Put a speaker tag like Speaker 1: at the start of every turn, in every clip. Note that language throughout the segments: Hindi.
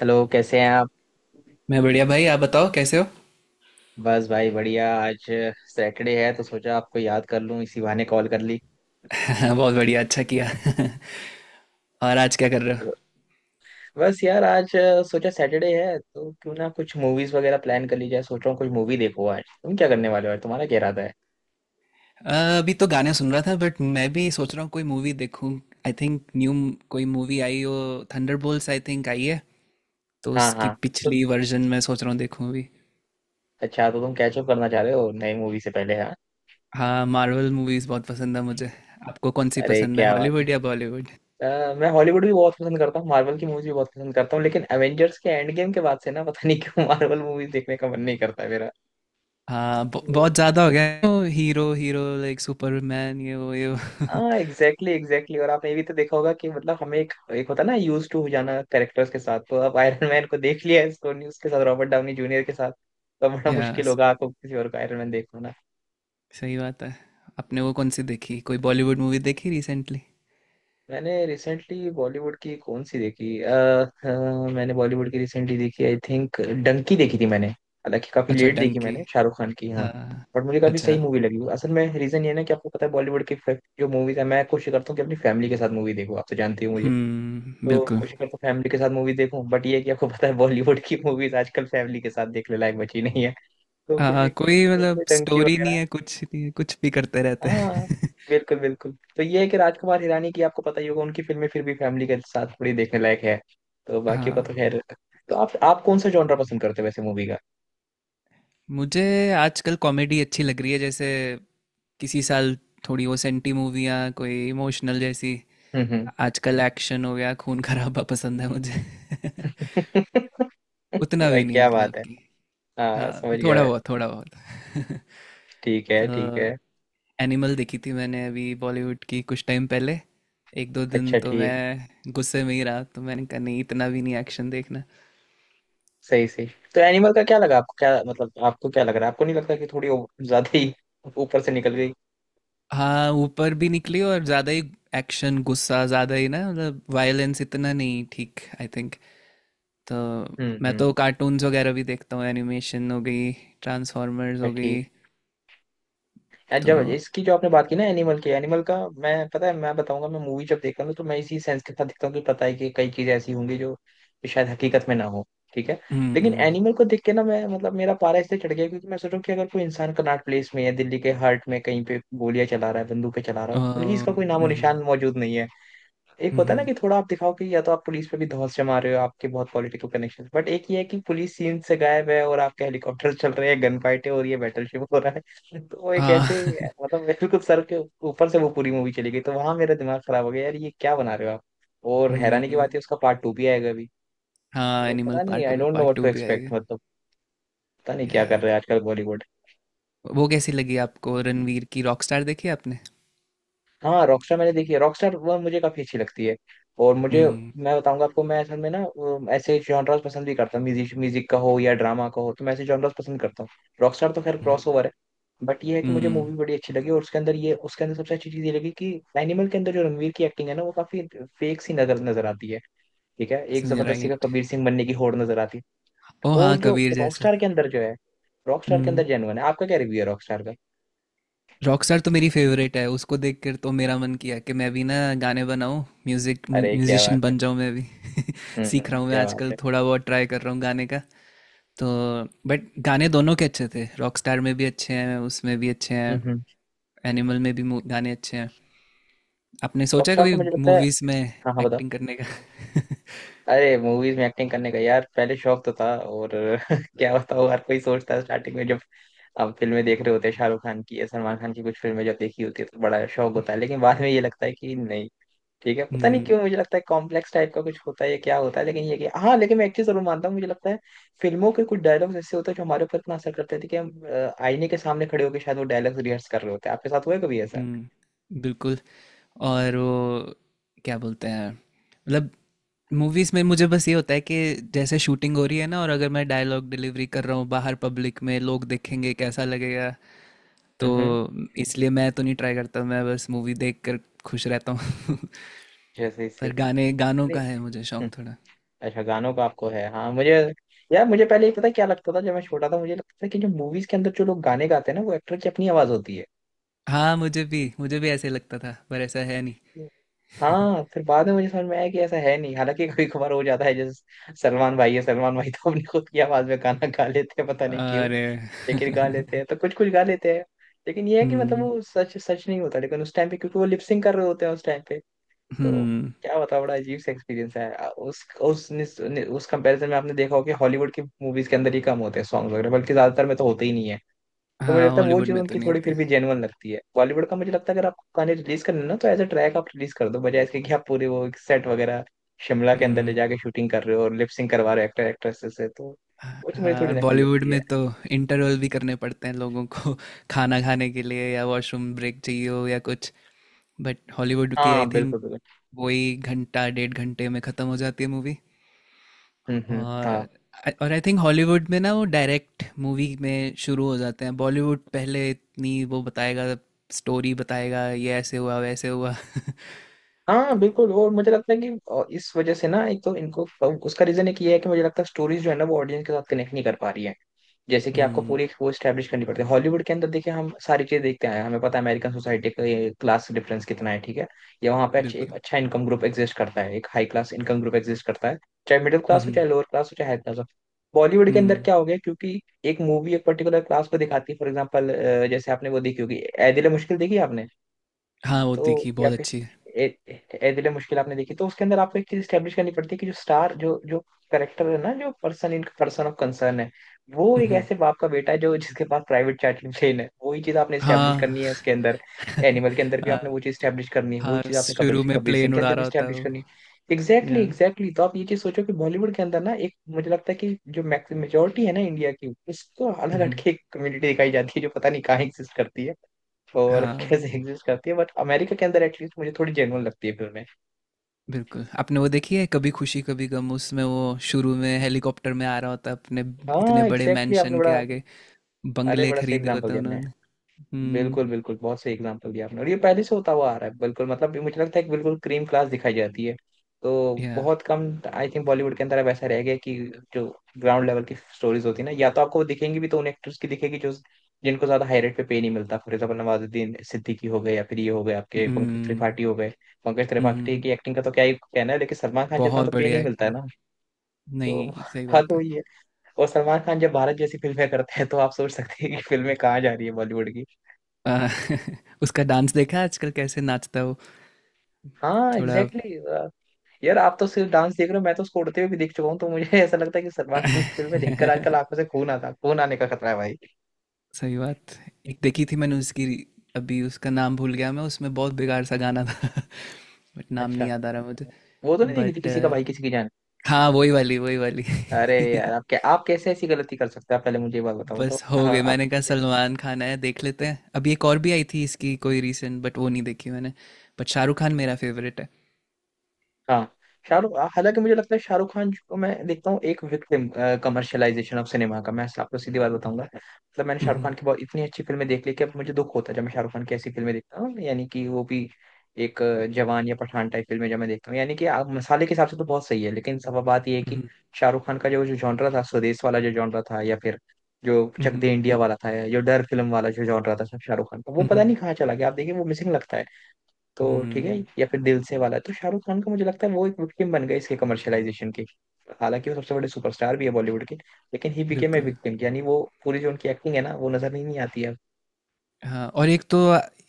Speaker 1: हेलो, कैसे हैं आप?
Speaker 2: मैं बढ़िया भाई आप बताओ कैसे हो।
Speaker 1: बस भाई बढ़िया। आज सैटरडे है तो सोचा आपको याद कर लूं, इसी बहाने कॉल कर ली।
Speaker 2: बहुत बढ़िया, अच्छा किया। और आज क्या कर रहे हो?
Speaker 1: तो बस यार, आज सोचा सैटरडे है तो क्यों ना कुछ मूवीज वगैरह प्लान कर ली जाए। सोच रहा हूँ कुछ मूवी देखो आज। तुम क्या करने वाले हो आज? तुम्हारा क्या इरादा है?
Speaker 2: अभी तो गाने सुन रहा था बट मैं भी सोच रहा हूँ कोई मूवी देखूँ। आई थिंक न्यू कोई मूवी आई हो। थंडरबोल्ट्स आई थिंक आई है। तो
Speaker 1: हाँ
Speaker 2: उसकी
Speaker 1: हाँ। तो
Speaker 2: पिछली वर्जन मैं सोच रहा हूँ देखूँ अभी।
Speaker 1: अच्छा, तो तुम कैचअप करना चाह रहे हो नई मूवी से पहले, हाँ।
Speaker 2: हाँ, मार्वल मूवीज बहुत पसंद है मुझे। आपको कौन सी
Speaker 1: अरे
Speaker 2: पसंद है,
Speaker 1: क्या बात है।
Speaker 2: हॉलीवुड या बॉलीवुड?
Speaker 1: मैं हॉलीवुड भी बहुत पसंद करता हूँ, मार्वल की मूवीज भी बहुत पसंद करता हूँ, लेकिन एवेंजर्स के एंड गेम के बाद से ना पता नहीं क्यों मार्वल मूवीज देखने का मन नहीं करता मेरा।
Speaker 2: हाँ,
Speaker 1: तो
Speaker 2: बहुत ज़्यादा हो गया है वो हीरो हीरो लाइक सुपरमैन ये वो ये वो।
Speaker 1: हाँ, एग्जैक्टली एग्जैक्टली। और आपने ये भी तो देखा होगा कि मतलब हमें एक एक होता है ना यूज टू हो जाना कैरेक्टर्स के साथ। तो अब आयरन मैन को देख लिया है सोनी, उसके साथ रॉबर्ट डाउनी जूनियर के साथ। तो बड़ा
Speaker 2: या।
Speaker 1: मुश्किल होगा आपको किसी और का आयरन मैन देख पाना।
Speaker 2: सही बात है। आपने वो कौन सी देखी, कोई बॉलीवुड मूवी देखी रिसेंटली?
Speaker 1: मैंने रिसेंटली बॉलीवुड की कौन सी देखी, मैंने बॉलीवुड की रिसेंटली देखी आई थिंक डंकी देखी थी मैंने, हालांकि काफी
Speaker 2: अच्छा,
Speaker 1: लेट देखी
Speaker 2: डंकी।
Speaker 1: मैंने, शाहरुख खान की, हाँ।
Speaker 2: हाँ।
Speaker 1: बट मुझे काफी सही
Speaker 2: अच्छा।
Speaker 1: मूवी लगी, असल में रीजन ये है ना कि आपको पता है बॉलीवुड की जो मूवीज है, मैं कोशिश करता हूँ कि अपनी फैमिली के साथ मूवी देखूँ, आप तो जानते हो मुझे।
Speaker 2: हम्म,
Speaker 1: तो
Speaker 2: बिल्कुल।
Speaker 1: कोशिश करता हूँ फैमिली के साथ मूवी देखूं, बट ये है कि आपको पता है बॉलीवुड की मूवीज आजकल फैमिली के साथ देखने लायक बची नहीं है। तो कुछ
Speaker 2: हाँ,
Speaker 1: एक
Speaker 2: कोई
Speaker 1: तो
Speaker 2: मतलब
Speaker 1: उसमें डंकी
Speaker 2: स्टोरी नहीं
Speaker 1: वगैरह।
Speaker 2: है, कुछ नहीं है, कुछ भी करते रहते
Speaker 1: हाँ,
Speaker 2: हैं।
Speaker 1: बिल्कुल बिल्कुल। तो ये है कि राजकुमार हिरानी की आपको पता ही होगा, उनकी फिल्में फिर भी फैमिली के साथ थोड़ी देखने लायक है। तो बाकियों का
Speaker 2: हाँ।
Speaker 1: तो खैर। तो आप कौन सा जॉनरा पसंद करते हो वैसे मूवी का?
Speaker 2: मुझे आजकल कॉमेडी अच्छी लग रही है, जैसे किसी साल थोड़ी वो सेंटी मूवियाँ कोई इमोशनल जैसी।
Speaker 1: हम्म हम्म।
Speaker 2: आजकल एक्शन हो गया, खून खराबा पसंद है मुझे। उतना
Speaker 1: भाई
Speaker 2: भी नहीं
Speaker 1: क्या
Speaker 2: मतलब
Speaker 1: बात है।
Speaker 2: कि।
Speaker 1: हाँ,
Speaker 2: हाँ,
Speaker 1: समझ गया
Speaker 2: थोड़ा
Speaker 1: मैं।
Speaker 2: बहुत, थोड़ा बहुत।
Speaker 1: ठीक है
Speaker 2: तो
Speaker 1: ठीक है।
Speaker 2: एनिमल देखी थी मैंने अभी बॉलीवुड की कुछ टाइम पहले। एक दो दिन
Speaker 1: अच्छा,
Speaker 2: तो
Speaker 1: ठीक।
Speaker 2: मैं गुस्से में ही रहा, तो मैंने कहा नहीं इतना भी नहीं एक्शन देखना।
Speaker 1: सही सही। तो एनिमल का क्या लगा आपको? क्या मतलब, आपको क्या लग रहा है? आपको नहीं लगता कि थोड़ी ज्यादा ही ऊपर से निकल गई?
Speaker 2: हाँ, ऊपर भी निकली और ज़्यादा ही। एक्शन गुस्सा ज़्यादा ही ना मतलब, वायलेंस इतना नहीं ठीक, आई थिंक। तो मैं
Speaker 1: हम्म।
Speaker 2: तो कार्टून्स वगैरह भी देखता हूँ, एनिमेशन हो गई, ट्रांसफॉर्मर्स
Speaker 1: अच्छा,
Speaker 2: हो
Speaker 1: ठीक।
Speaker 2: गई।
Speaker 1: यार,
Speaker 2: तो।
Speaker 1: जब इसकी जो आपने बात की ना एनिमल का मैं, पता है, मैं बताऊंगा। मैं मूवी जब देखता हूँ ना, तो मैं इसी सेंस के साथ देखता हूँ कि पता है कि कई चीजें ऐसी होंगी जो शायद हकीकत में ना हो, ठीक है। लेकिन
Speaker 2: हम्म।
Speaker 1: एनिमल को देख के ना मैं, मतलब मेरा पारा इससे चढ़ गया, क्योंकि मैं सोच रहा हूँ कि अगर कोई इंसान कनॉट प्लेस में या दिल्ली के हार्ट में कहीं पे गोलियां चला रहा है, बंदूकें चला रहा है, पुलिस का कोई नामो
Speaker 2: हम्म,
Speaker 1: निशान मौजूद नहीं है। एक होता है ना
Speaker 2: हम्म।
Speaker 1: कि थोड़ा आप दिखाओ कि या तो आप पुलिस पे भी धौंस जमा रहे हो, आपके बहुत पॉलिटिकल कनेक्शन, बट एक ये है कि पुलिस सीन से गायब है और आपके हेलीकॉप्टर चल रहे हैं, गन फाइट है और ये बैटलशिप हो रहा है। तो वो एक
Speaker 2: हाँ।
Speaker 1: ऐसे, मतलब बिल्कुल सर के ऊपर से वो पूरी मूवी चली गई। तो वहां मेरा दिमाग खराब हो गया, यार ये क्या बना रहे हो आप। और हैरानी की
Speaker 2: हम्म।
Speaker 1: बात है उसका पार्ट टू भी आएगा अभी।
Speaker 2: हाँ,
Speaker 1: तो
Speaker 2: एनिमल
Speaker 1: पता नहीं,
Speaker 2: पार्क
Speaker 1: आई
Speaker 2: अभी
Speaker 1: don't know
Speaker 2: part
Speaker 1: what two
Speaker 2: two भी आएगा।
Speaker 1: एक्सपेक्ट, मतलब पता नहीं क्या
Speaker 2: या।
Speaker 1: कर रहे हैं आजकल बॉलीवुड।
Speaker 2: वो कैसी लगी आपको, रणवीर की रॉकस्टार देखी आपने?
Speaker 1: हाँ, रॉकस्टार मैंने देखी है। रॉकस्टार वो मुझे काफी अच्छी लगती है। और मुझे,
Speaker 2: हम्म,
Speaker 1: मैं बताऊंगा आपको, मैं असल में ना वो ऐसे जॉनर्स पसंद भी करता हूँ, म्यूजिक म्यूजिक का हो या ड्रामा का हो, तो मैं ऐसे जॉनर्स पसंद करता हूँ। रॉकस्टार तो खैर क्रॉसओवर है। बट ये है कि मुझे
Speaker 2: हम्म।
Speaker 1: मूवी बड़ी अच्छी लगी, और उसके अंदर ये, उसके अंदर सबसे अच्छी चीज ये लगी कि एनिमल के अंदर जो रणवीर की एक्टिंग है ना वो काफी फेक सी नजर नजर आती है। ठीक है, एक जबरदस्ती का
Speaker 2: राइट।
Speaker 1: कबीर सिंह बनने की होड़ नजर आती है।
Speaker 2: ओ हाँ,
Speaker 1: और जो
Speaker 2: कबीर जैसा।
Speaker 1: रॉकस्टार के अंदर जो है रॉकस्टार के अंदर
Speaker 2: हम्म।
Speaker 1: जेनुअन है। आपका क्या रिव्यू है रॉकस्टार का?
Speaker 2: रॉकस्टार तो मेरी फेवरेट है, उसको देख कर तो मेरा मन किया कि मैं भी ना गाने बनाऊं, म्यूजिक
Speaker 1: अरे क्या
Speaker 2: म्यूजिशियन
Speaker 1: बात है।
Speaker 2: बन जाऊं मैं भी। सीख रहा हूँ मैं
Speaker 1: क्या बात
Speaker 2: आजकल,
Speaker 1: है।
Speaker 2: थोड़ा बहुत ट्राई कर रहा हूँ गाने का। तो बट गाने दोनों के अच्छे थे, रॉकस्टार में भी अच्छे हैं, उसमें भी अच्छे हैं।
Speaker 1: हम्म।
Speaker 2: एनिमल में भी गाने अच्छे हैं। आपने सोचा
Speaker 1: रॉकस्टार
Speaker 2: कभी
Speaker 1: तो मुझे लगता है,
Speaker 2: मूवीज में
Speaker 1: हाँ हाँ बताओ।
Speaker 2: एक्टिंग करने का?
Speaker 1: अरे, मूवीज में एक्टिंग करने का यार पहले शौक तो था, और क्या बताओ, हर कोई सोचता है स्टार्टिंग में जब अब फिल्में देख रहे होते हैं शाहरुख खान की या सलमान खान की, कुछ फिल्में जब देखी होती है तो बड़ा शौक होता है, लेकिन बाद में ये लगता है कि नहीं, ठीक है, पता नहीं
Speaker 2: हम्म
Speaker 1: क्यों, मुझे लगता है कॉम्प्लेक्स टाइप का कुछ होता है या क्या होता है। लेकिन ये कि हाँ, लेकिन मैं एक चीज जरूर मानता हूँ, मुझे लगता है फिल्मों के कुछ डायलॉग्स ऐसे होते हैं जो हमारे ऊपर इतना असर करते थे कि हम आईने के सामने खड़े होकर शायद वो डायलॉग्स रिहर्स कर रहे होते हैं। आपके साथ हुआ है कभी ऐसा?
Speaker 2: हम्म, बिल्कुल। और वो क्या बोलते हैं मतलब, मूवीज़ में मुझे बस ये होता है कि जैसे शूटिंग हो रही है ना और अगर मैं डायलॉग डिलीवरी कर रहा हूँ बाहर पब्लिक में लोग देखेंगे कैसा लगेगा। तो
Speaker 1: हम्म।
Speaker 2: इसलिए मैं तो नहीं ट्राई करता, मैं बस मूवी देख कर खुश रहता हूँ।
Speaker 1: जैसे
Speaker 2: पर
Speaker 1: इसे,
Speaker 2: गाने गानों का है मुझे शौक थोड़ा।
Speaker 1: अच्छा, गानों का आपको है? हाँ मुझे। यार मुझे पहले ये पता है क्या लगता था, जब मैं छोटा था मुझे लगता था कि जो मूवीज के अंदर जो लोग गाने गाते हैं ना वो एक्टर की अपनी आवाज होती है।
Speaker 2: हाँ, मुझे भी ऐसे लगता था पर ऐसा है नहीं।
Speaker 1: हाँ, फिर बाद में मुझे समझ में आया कि ऐसा है नहीं। हालांकि कभी कभार हो जाता है, जैसे सलमान भाई है, सलमान भाई तो अपनी खुद की आवाज में गाना गा लेते हैं, पता नहीं क्यों,
Speaker 2: अरे।
Speaker 1: लेकिन गा लेते हैं, तो कुछ कुछ गा लेते हैं। लेकिन ये है कि मतलब
Speaker 2: हम्म,
Speaker 1: वो सच सच नहीं होता, लेकिन उस टाइम पे क्योंकि वो लिपसिंग कर रहे होते हैं उस टाइम पे। तो
Speaker 2: हम्म।
Speaker 1: क्या बताओ, बड़ा अजीब सा एक्सपीरियंस है उस कंपैरिजन में आपने देखा होगा कि हॉलीवुड की मूवीज के अंदर ही कम होते हैं सॉन्ग्स वगैरह, बल्कि ज्यादातर में तो होते ही नहीं है। तो मुझे
Speaker 2: हाँ,
Speaker 1: लगता है वो
Speaker 2: हॉलीवुड
Speaker 1: चीज़
Speaker 2: में तो
Speaker 1: उनकी
Speaker 2: नहीं
Speaker 1: थोड़ी
Speaker 2: होते।
Speaker 1: फिर भी जेन्युइन लगती है। बॉलीवुड का मुझे लगता है अगर आपको गाने रिलीज करने हैं ना तो एज अ ट्रैक आप रिलीज कर दो, बजाय इसके कि आप पूरे वो सेट वगैरह शिमला के अंदर ले
Speaker 2: हम्म।
Speaker 1: जाके शूटिंग कर रहे हो और लिपसिंग करवा रहे हो एक्टर एक्ट्रेस से, तो वो चीज़ मुझे
Speaker 2: हाँ,
Speaker 1: थोड़ी
Speaker 2: और
Speaker 1: नकली
Speaker 2: बॉलीवुड
Speaker 1: लगती है।
Speaker 2: में तो इंटरवल भी करने पड़ते हैं लोगों को, खाना खाने के लिए या वॉशरूम ब्रेक चाहिए हो या कुछ। बट हॉलीवुड की
Speaker 1: हाँ
Speaker 2: आई थिंक
Speaker 1: बिल्कुल बिल्कुल।
Speaker 2: वही घंटा डेढ़ घंटे में ख़त्म हो जाती है मूवी।
Speaker 1: हाँ।
Speaker 2: और आई थिंक हॉलीवुड में ना वो डायरेक्ट मूवी में शुरू हो जाते हैं, बॉलीवुड पहले इतनी वो बताएगा, स्टोरी बताएगा ये ऐसे हुआ वैसे हुआ।
Speaker 1: हाँ बिल्कुल, और मुझे लगता है कि इस वजह से ना एक तो इनको उसका रीजन एक ये है कि मुझे लगता है स्टोरीज जो है ना वो ऑडियंस के साथ कनेक्ट नहीं कर पा रही है। जैसे कि आपको
Speaker 2: हम्म,
Speaker 1: पूरी एक वो स्टैब्लिश करनी पड़ती है, हॉलीवुड के अंदर देखिए हम सारी चीजें देखते आए हैं, हमें पता है अमेरिकन सोसाइटी का ये क्लास डिफरेंस कितना है, ठीक है। या वहाँ पे एक
Speaker 2: बिल्कुल।
Speaker 1: अच्छा इनकम ग्रुप एग्जिस्ट करता है, एक high class income group exist करता है, चाहे मिडिल क्लास हो, चाहे
Speaker 2: हम्म,
Speaker 1: लोअर क्लास हो, चाहे हाई क्लास हो। बॉलीवुड के अंदर
Speaker 2: हम्म।
Speaker 1: क्या हो गया, क्योंकि एक मूवी एक पर्टिकुलर क्लास को दिखाती है। फॉर एग्जाम्पल, जैसे आपने वो देखी होगी ए दिल ए मुश्किल, देखी है आपने?
Speaker 2: हाँ, वो
Speaker 1: तो
Speaker 2: देखी,
Speaker 1: या
Speaker 2: बहुत
Speaker 1: फिर
Speaker 2: अच्छी है।
Speaker 1: ए, ए दिल मुश्किल आपने देखी, तो उसके अंदर आपको एक चीज स्टेब्लिश करनी पड़ती है कि जो करेक्टर है ना, जो person in person of concern है, वो एक
Speaker 2: हम्म।
Speaker 1: ऐसे बाप का बेटा है जो जिसके पास प्राइवेट चैटिंग प्लेन है। वही चीज आपने स्टेब्लिश
Speaker 2: हाँ।
Speaker 1: करनी है उसके अंदर, एनिमल के अंदर भी आपने वो चीज स्टेब्लिश करनी है, वही
Speaker 2: हाँ,
Speaker 1: चीज आपने कबीर
Speaker 2: शुरू
Speaker 1: सिंह
Speaker 2: में
Speaker 1: कबीर सिंह
Speaker 2: प्लेन
Speaker 1: के
Speaker 2: उड़ा
Speaker 1: अंदर भी
Speaker 2: रहा होता है
Speaker 1: स्टेब्लिश
Speaker 2: वो।
Speaker 1: करनी है, एग्जैक्टली
Speaker 2: या।
Speaker 1: एग्जैक्टली। तो आप ये चीज सोचो कि बॉलीवुड के अंदर ना, एक मुझे लगता है कि जो मेजोरिटी है ना इंडिया की, उसको अलग
Speaker 2: हुँ।
Speaker 1: हटके एक कम्युनिटी दिखाई जाती है जो पता नहीं कहाँ एग्जिस्ट करती है और
Speaker 2: हाँ,
Speaker 1: कैसे एग्जिस्ट करती है, बट अमेरिका के अंदर एटलीस्ट मुझे थोड़ी जेन्युइन लगती है फिल्में।
Speaker 2: बिल्कुल। आपने वो देखी है कभी खुशी कभी गम? उसमें वो शुरू में हेलीकॉप्टर में आ रहा होता है अपने इतने
Speaker 1: हाँ
Speaker 2: बड़े
Speaker 1: एग्जैक्टली exactly, आपने
Speaker 2: मैंशन के
Speaker 1: बड़ा,
Speaker 2: आगे,
Speaker 1: अरे
Speaker 2: बंगले
Speaker 1: बड़ा सही
Speaker 2: खरीदे
Speaker 1: एग्जाम्पल
Speaker 2: होते हैं
Speaker 1: दिया आपने।
Speaker 2: उन्होंने। हुँ।
Speaker 1: बिल्कुल बिल्कुल, बहुत सही एग्जांपल दिया आपने, और ये पहले से होता हुआ आ रहा है, बिल्कुल मतलब ये मुझे लगता है कि बिल्कुल क्रीम क्लास दिखाई जाती है। तो
Speaker 2: या।
Speaker 1: बहुत कम, आई थिंक बॉलीवुड के अंदर अब ऐसा रह गया कि जो ग्राउंड लेवल की स्टोरीज होती है ना, या तो आपको वो दिखेंगी भी तो उन एक्टर्स की दिखेगी जो जिनको ज्यादा हाई रेट पे पे नहीं मिलता, फॉर एग्जाम्पल नवाजुद्दीन सिद्दीकी हो गए या फिर ये हो गए आपके पंकज
Speaker 2: हुँ,
Speaker 1: त्रिपाठी हो गए। पंकज
Speaker 2: हुँ,
Speaker 1: त्रिपाठी
Speaker 2: हुँ।
Speaker 1: की एक्टिंग का तो क्या ही कहना है, लेकिन सलमान खान जितना
Speaker 2: बहुत
Speaker 1: तो पे
Speaker 2: बढ़िया
Speaker 1: नहीं मिलता है
Speaker 2: एक्टिंग।
Speaker 1: ना। तो
Speaker 2: नहीं, सही
Speaker 1: बात
Speaker 2: बात है।
Speaker 1: वही है, और सलमान खान जब भारत जैसी फिल्में करते हैं तो आप सोच सकते हैं कि फिल्में कहाँ जा रही है बॉलीवुड की।
Speaker 2: अ, उसका डांस देखा है आजकल कैसे नाचता है वो?
Speaker 1: हाँ
Speaker 2: थोड़ा।
Speaker 1: Exactly exactly. यार आप तो सिर्फ डांस देख रहे हो। मैं तो उसको उड़ते हुए भी देख चुका हूँ, तो मुझे ऐसा लगता है कि सलमान खान की फिल्में देखकर आजकल आंखों से खून आने का खतरा है भाई।
Speaker 2: सही बात। एक देखी थी मैंने उसकी, अभी उसका नाम भूल गया मैं, उसमें बहुत बेकार सा गाना था, बट नाम नहीं
Speaker 1: अच्छा,
Speaker 2: याद आ रहा मुझे।
Speaker 1: वो तो नहीं देखी थी,
Speaker 2: बट
Speaker 1: किसी का भाई किसी की जान।
Speaker 2: हाँ, वही वाली वही वाली।
Speaker 1: अरे यार, आप कैसे ऐसी गलती कर सकते हैं? आप पहले मुझे ये बात बताओ तो।
Speaker 2: बस हो
Speaker 1: हाँ,
Speaker 2: गई,
Speaker 1: आप
Speaker 2: मैंने कहा
Speaker 1: कैसे।
Speaker 2: सलमान खान है देख लेते हैं। अभी एक और भी आई थी इसकी कोई रीसेंट बट वो नहीं देखी मैंने। बट शाहरुख खान मेरा फेवरेट है।
Speaker 1: हाँ शाहरुख, हाँ, हालांकि मुझे लगता है शाहरुख खान को मैं देखता हूँ एक विक्टिम कमर्शियलाइजेशन ऑफ सिनेमा का। मैं आपको सीधी बात बताऊंगा, मतलब मैंने शाहरुख खान
Speaker 2: हम्म,
Speaker 1: की बहुत इतनी अच्छी फिल्में देख ली कि अब मुझे दुख होता है जब मैं शाहरुख खान की ऐसी फिल्में देखता हूँ, यानी कि वो भी एक जवान या पठान टाइप फिल्में जब मैं देखता हूँ, यानी कि आप मसाले के हिसाब से तो बहुत सही है, लेकिन सब बात ये है कि
Speaker 2: हम्म,
Speaker 1: शाहरुख खान का जो जो जॉनरा था, स्वदेश वाला जो जॉनरा था, या फिर जो चक
Speaker 2: हम्म,
Speaker 1: दे इंडिया वाला था, या जो डर फिल्म वाला जो जॉनरा था शाहरुख खान का, वो
Speaker 2: हम्म,
Speaker 1: पता नहीं कहाँ चला गया। आप देखिए, वो मिसिंग लगता है। तो ठीक है,
Speaker 2: हम्म।
Speaker 1: या फिर दिल से वाला। तो शाहरुख खान का मुझे लगता है वो एक विक्टिम बन गए इसके कमर्शियलाइजेशन के। हालांकि वो सबसे बड़े सुपरस्टार भी है बॉलीवुड के, लेकिन ही बिकेम ए
Speaker 2: बिल्कुल।
Speaker 1: विक्टिम, यानी वो पूरी जो उनकी एक्टिंग है ना, वो नजर नहीं, नहीं आती है।
Speaker 2: हाँ, और एक तो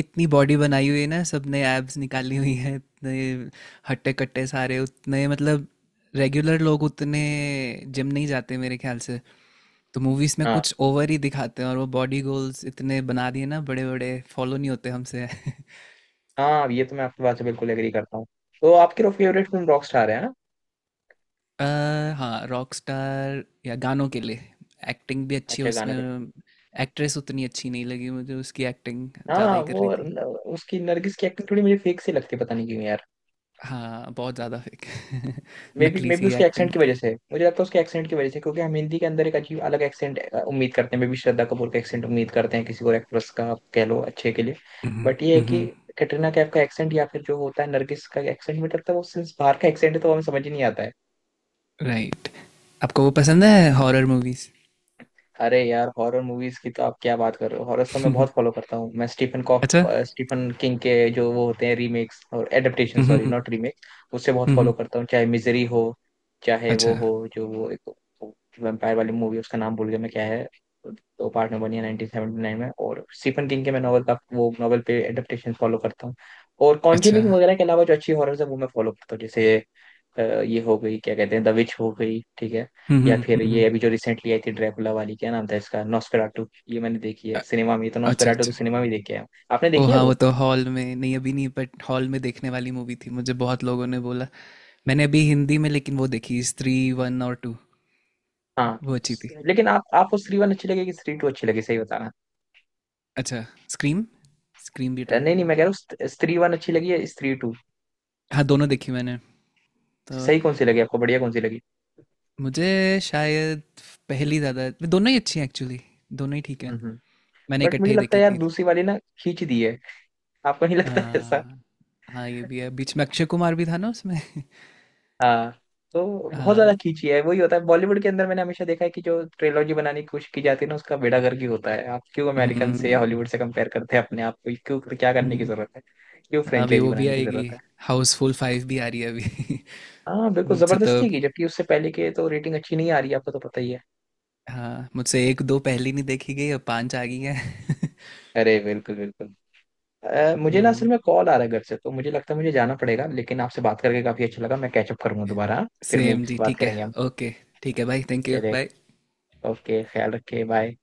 Speaker 2: इतनी बॉडी बनाई हुई है ना सबने, एब्स निकाली हुई है इतने, हट्टे कट्टे सारे उतने मतलब, रेगुलर लोग उतने जिम नहीं जाते मेरे ख्याल से। तो मूवीज में
Speaker 1: हाँ।
Speaker 2: कुछ ओवर ही दिखाते हैं और वो बॉडी गोल्स इतने बना दिए ना, बड़े बड़े फॉलो नहीं होते हमसे।
Speaker 1: हाँ, ये तो मैं आपकी बात से बिल्कुल एग्री करता हूँ। तो आपकी फेवरेट फिल्म रॉक स्टार है हाँ?
Speaker 2: अ, हाँ, रॉक स्टार, या गानों के लिए एक्टिंग भी अच्छी है
Speaker 1: अच्छा, गाने पे।
Speaker 2: उसमें। एक्ट्रेस उतनी अच्छी नहीं लगी मुझे, उसकी एक्टिंग ज़्यादा
Speaker 1: हाँ,
Speaker 2: ही कर
Speaker 1: वो
Speaker 2: रही थी।
Speaker 1: न- उसकी नरगिस की एक्टिंग थोड़ी मुझे फेक सी लगती है, पता नहीं क्यों यार।
Speaker 2: हाँ, बहुत ज़्यादा फेक।
Speaker 1: मे बी
Speaker 2: नकली
Speaker 1: मे बी
Speaker 2: सी
Speaker 1: उसके एक्सेंट की वजह से, मुझे लगता है उसके एक्सेंट की वजह से, क्योंकि हम हिंदी के अंदर एक अजीब अलग एक्सेंट उम्मीद करते हैं, मे बी श्रद्धा कपूर का एक्सेंट उम्मीद करते हैं, किसी और एक्ट्रेस का आप कह लो अच्छे के लिए। बट ये है कि
Speaker 2: एक्टिंग।
Speaker 1: कैटरीना कैफ का एक्सेंट या फिर जो होता है नरगिस का एक्सेंट, मुझे लगता है वो सिंस बाहर का एक्सेंट है, तो हमें समझ ही नहीं आता है।
Speaker 2: राइट। आपको वो पसंद है हॉरर मूवीज?
Speaker 1: अरे यार, हॉरर मूवीज की तो आप क्या बात कर रहे हो। हॉरर तो मैं बहुत फॉलो करता हूँ। मैं
Speaker 2: अच्छा।
Speaker 1: स्टीफन किंग के जो वो होते हैं रीमेक्स और एडेप्टेशन,
Speaker 2: हम्म,
Speaker 1: सॉरी
Speaker 2: हम्म,
Speaker 1: नॉट रीमेक, उससे बहुत फॉलो
Speaker 2: हम्म।
Speaker 1: करता हूँ। चाहे मिजरी हो, चाहे
Speaker 2: अच्छा,
Speaker 1: वो हो जो वो एक वैम्पायर वाली मूवी, उसका नाम भूल गया मैं, क्या है, दो पार्ट में बनी है 1979 में। और स्टीफन किंग के मैं नॉवल का, वो नॉवल पे एडेप्टेशन फॉलो करता हूँ। और
Speaker 2: अच्छा।
Speaker 1: कॉन्जरिंग वगैरह के अलावा जो अच्छी हॉरर है वो मैं फॉलो करता हूँ, जैसे ये हो गई क्या कहते हैं द विच हो गई, ठीक है, या फिर
Speaker 2: हम्म।
Speaker 1: ये अभी जो रिसेंटली आई थी ड्रैकुला वाली, क्या नाम था इसका, नॉस्फेराटू, ये मैंने देखी है
Speaker 2: अ-
Speaker 1: सिनेमा में, तो
Speaker 2: अच्छा,
Speaker 1: नॉस्फेराटू तो
Speaker 2: अच्छा।
Speaker 1: सिनेमा में देखी है। आपने
Speaker 2: ओ
Speaker 1: देखी है
Speaker 2: हाँ, वो
Speaker 1: वो?
Speaker 2: तो हॉल में नहीं, अभी नहीं, बट हॉल में देखने वाली मूवी थी, मुझे बहुत लोगों ने बोला। मैंने अभी हिंदी में लेकिन वो देखी स्त्री 1 और 2।
Speaker 1: हाँ।
Speaker 2: वो अच्छी थी।
Speaker 1: लेकिन आप आपको स्त्री वन अच्छी लगी कि स्त्री टू अच्छी लगी, सही बताना।
Speaker 2: अच्छा। स्क्रीम, स्क्रीम भी ट्राई
Speaker 1: नहीं नहीं,
Speaker 2: करूँगा।
Speaker 1: मैं कह रहा हूँ स्त्री वन अच्छी लगी या स्त्री टू,
Speaker 2: हाँ, दोनों देखी मैंने। तो
Speaker 1: सही कौन सी लगी आपको, बढ़िया कौन सी लगी।
Speaker 2: मुझे शायद पहली ज़्यादा, दोनों ही अच्छी हैं एक्चुअली, दोनों ही ठीक है।
Speaker 1: हम्म।
Speaker 2: मैंने
Speaker 1: बट
Speaker 2: इकट्ठे
Speaker 1: मुझे
Speaker 2: ही
Speaker 1: लगता
Speaker 2: देखी
Speaker 1: है यार
Speaker 2: थी।
Speaker 1: दूसरी वाली ना, खींच दी है। आपको नहीं लगता है?
Speaker 2: हाँ, हाँ, ये भी है। बीच में अक्षय कुमार भी था ना उसमें।
Speaker 1: हाँ, तो बहुत
Speaker 2: हाँ।
Speaker 1: ज्यादा खींची है। वही होता है बॉलीवुड के अंदर, मैंने हमेशा देखा है कि जो ट्रिलॉजी बनाने की कोशिश की जाती है ना उसका बेड़ा गर्क ही होता है। आप क्यों अमेरिकन से या
Speaker 2: हम्म,
Speaker 1: हॉलीवुड से कंपेयर करते हैं अपने आप को? क्यों, क्या करने की
Speaker 2: हम्म।
Speaker 1: जरूरत है? क्यों
Speaker 2: हाँ, अभी
Speaker 1: फ्रेंचाइजी
Speaker 2: वो भी
Speaker 1: बनाने की
Speaker 2: आएगी,
Speaker 1: जरूरत है?
Speaker 2: हाउसफुल 5 भी आ रही है अभी।
Speaker 1: हाँ बिल्कुल,
Speaker 2: मुझसे तो,
Speaker 1: जबरदस्ती की, जबकि उससे पहले के तो रेटिंग अच्छी नहीं आ रही, आपको तो पता ही है।
Speaker 2: हाँ मुझसे एक दो पहली नहीं देखी गई, अब 5 आ गई है।
Speaker 1: अरे बिल्कुल बिल्कुल। मुझे ना असल
Speaker 2: हम्म।
Speaker 1: में कॉल आ रहा है घर से, तो मुझे लगता है मुझे जाना पड़ेगा, लेकिन आपसे बात करके काफी अच्छा लगा। मैं कैचअप करूंगा दोबारा हाँ? फिर
Speaker 2: सेम
Speaker 1: मूवीज
Speaker 2: जी,
Speaker 1: बात
Speaker 2: ठीक है।
Speaker 1: करेंगे हम।
Speaker 2: ओके। ठीक है भाई, थैंक यू,
Speaker 1: चलिए,
Speaker 2: बाय।
Speaker 1: ओके, ख्याल रखिए, बाय।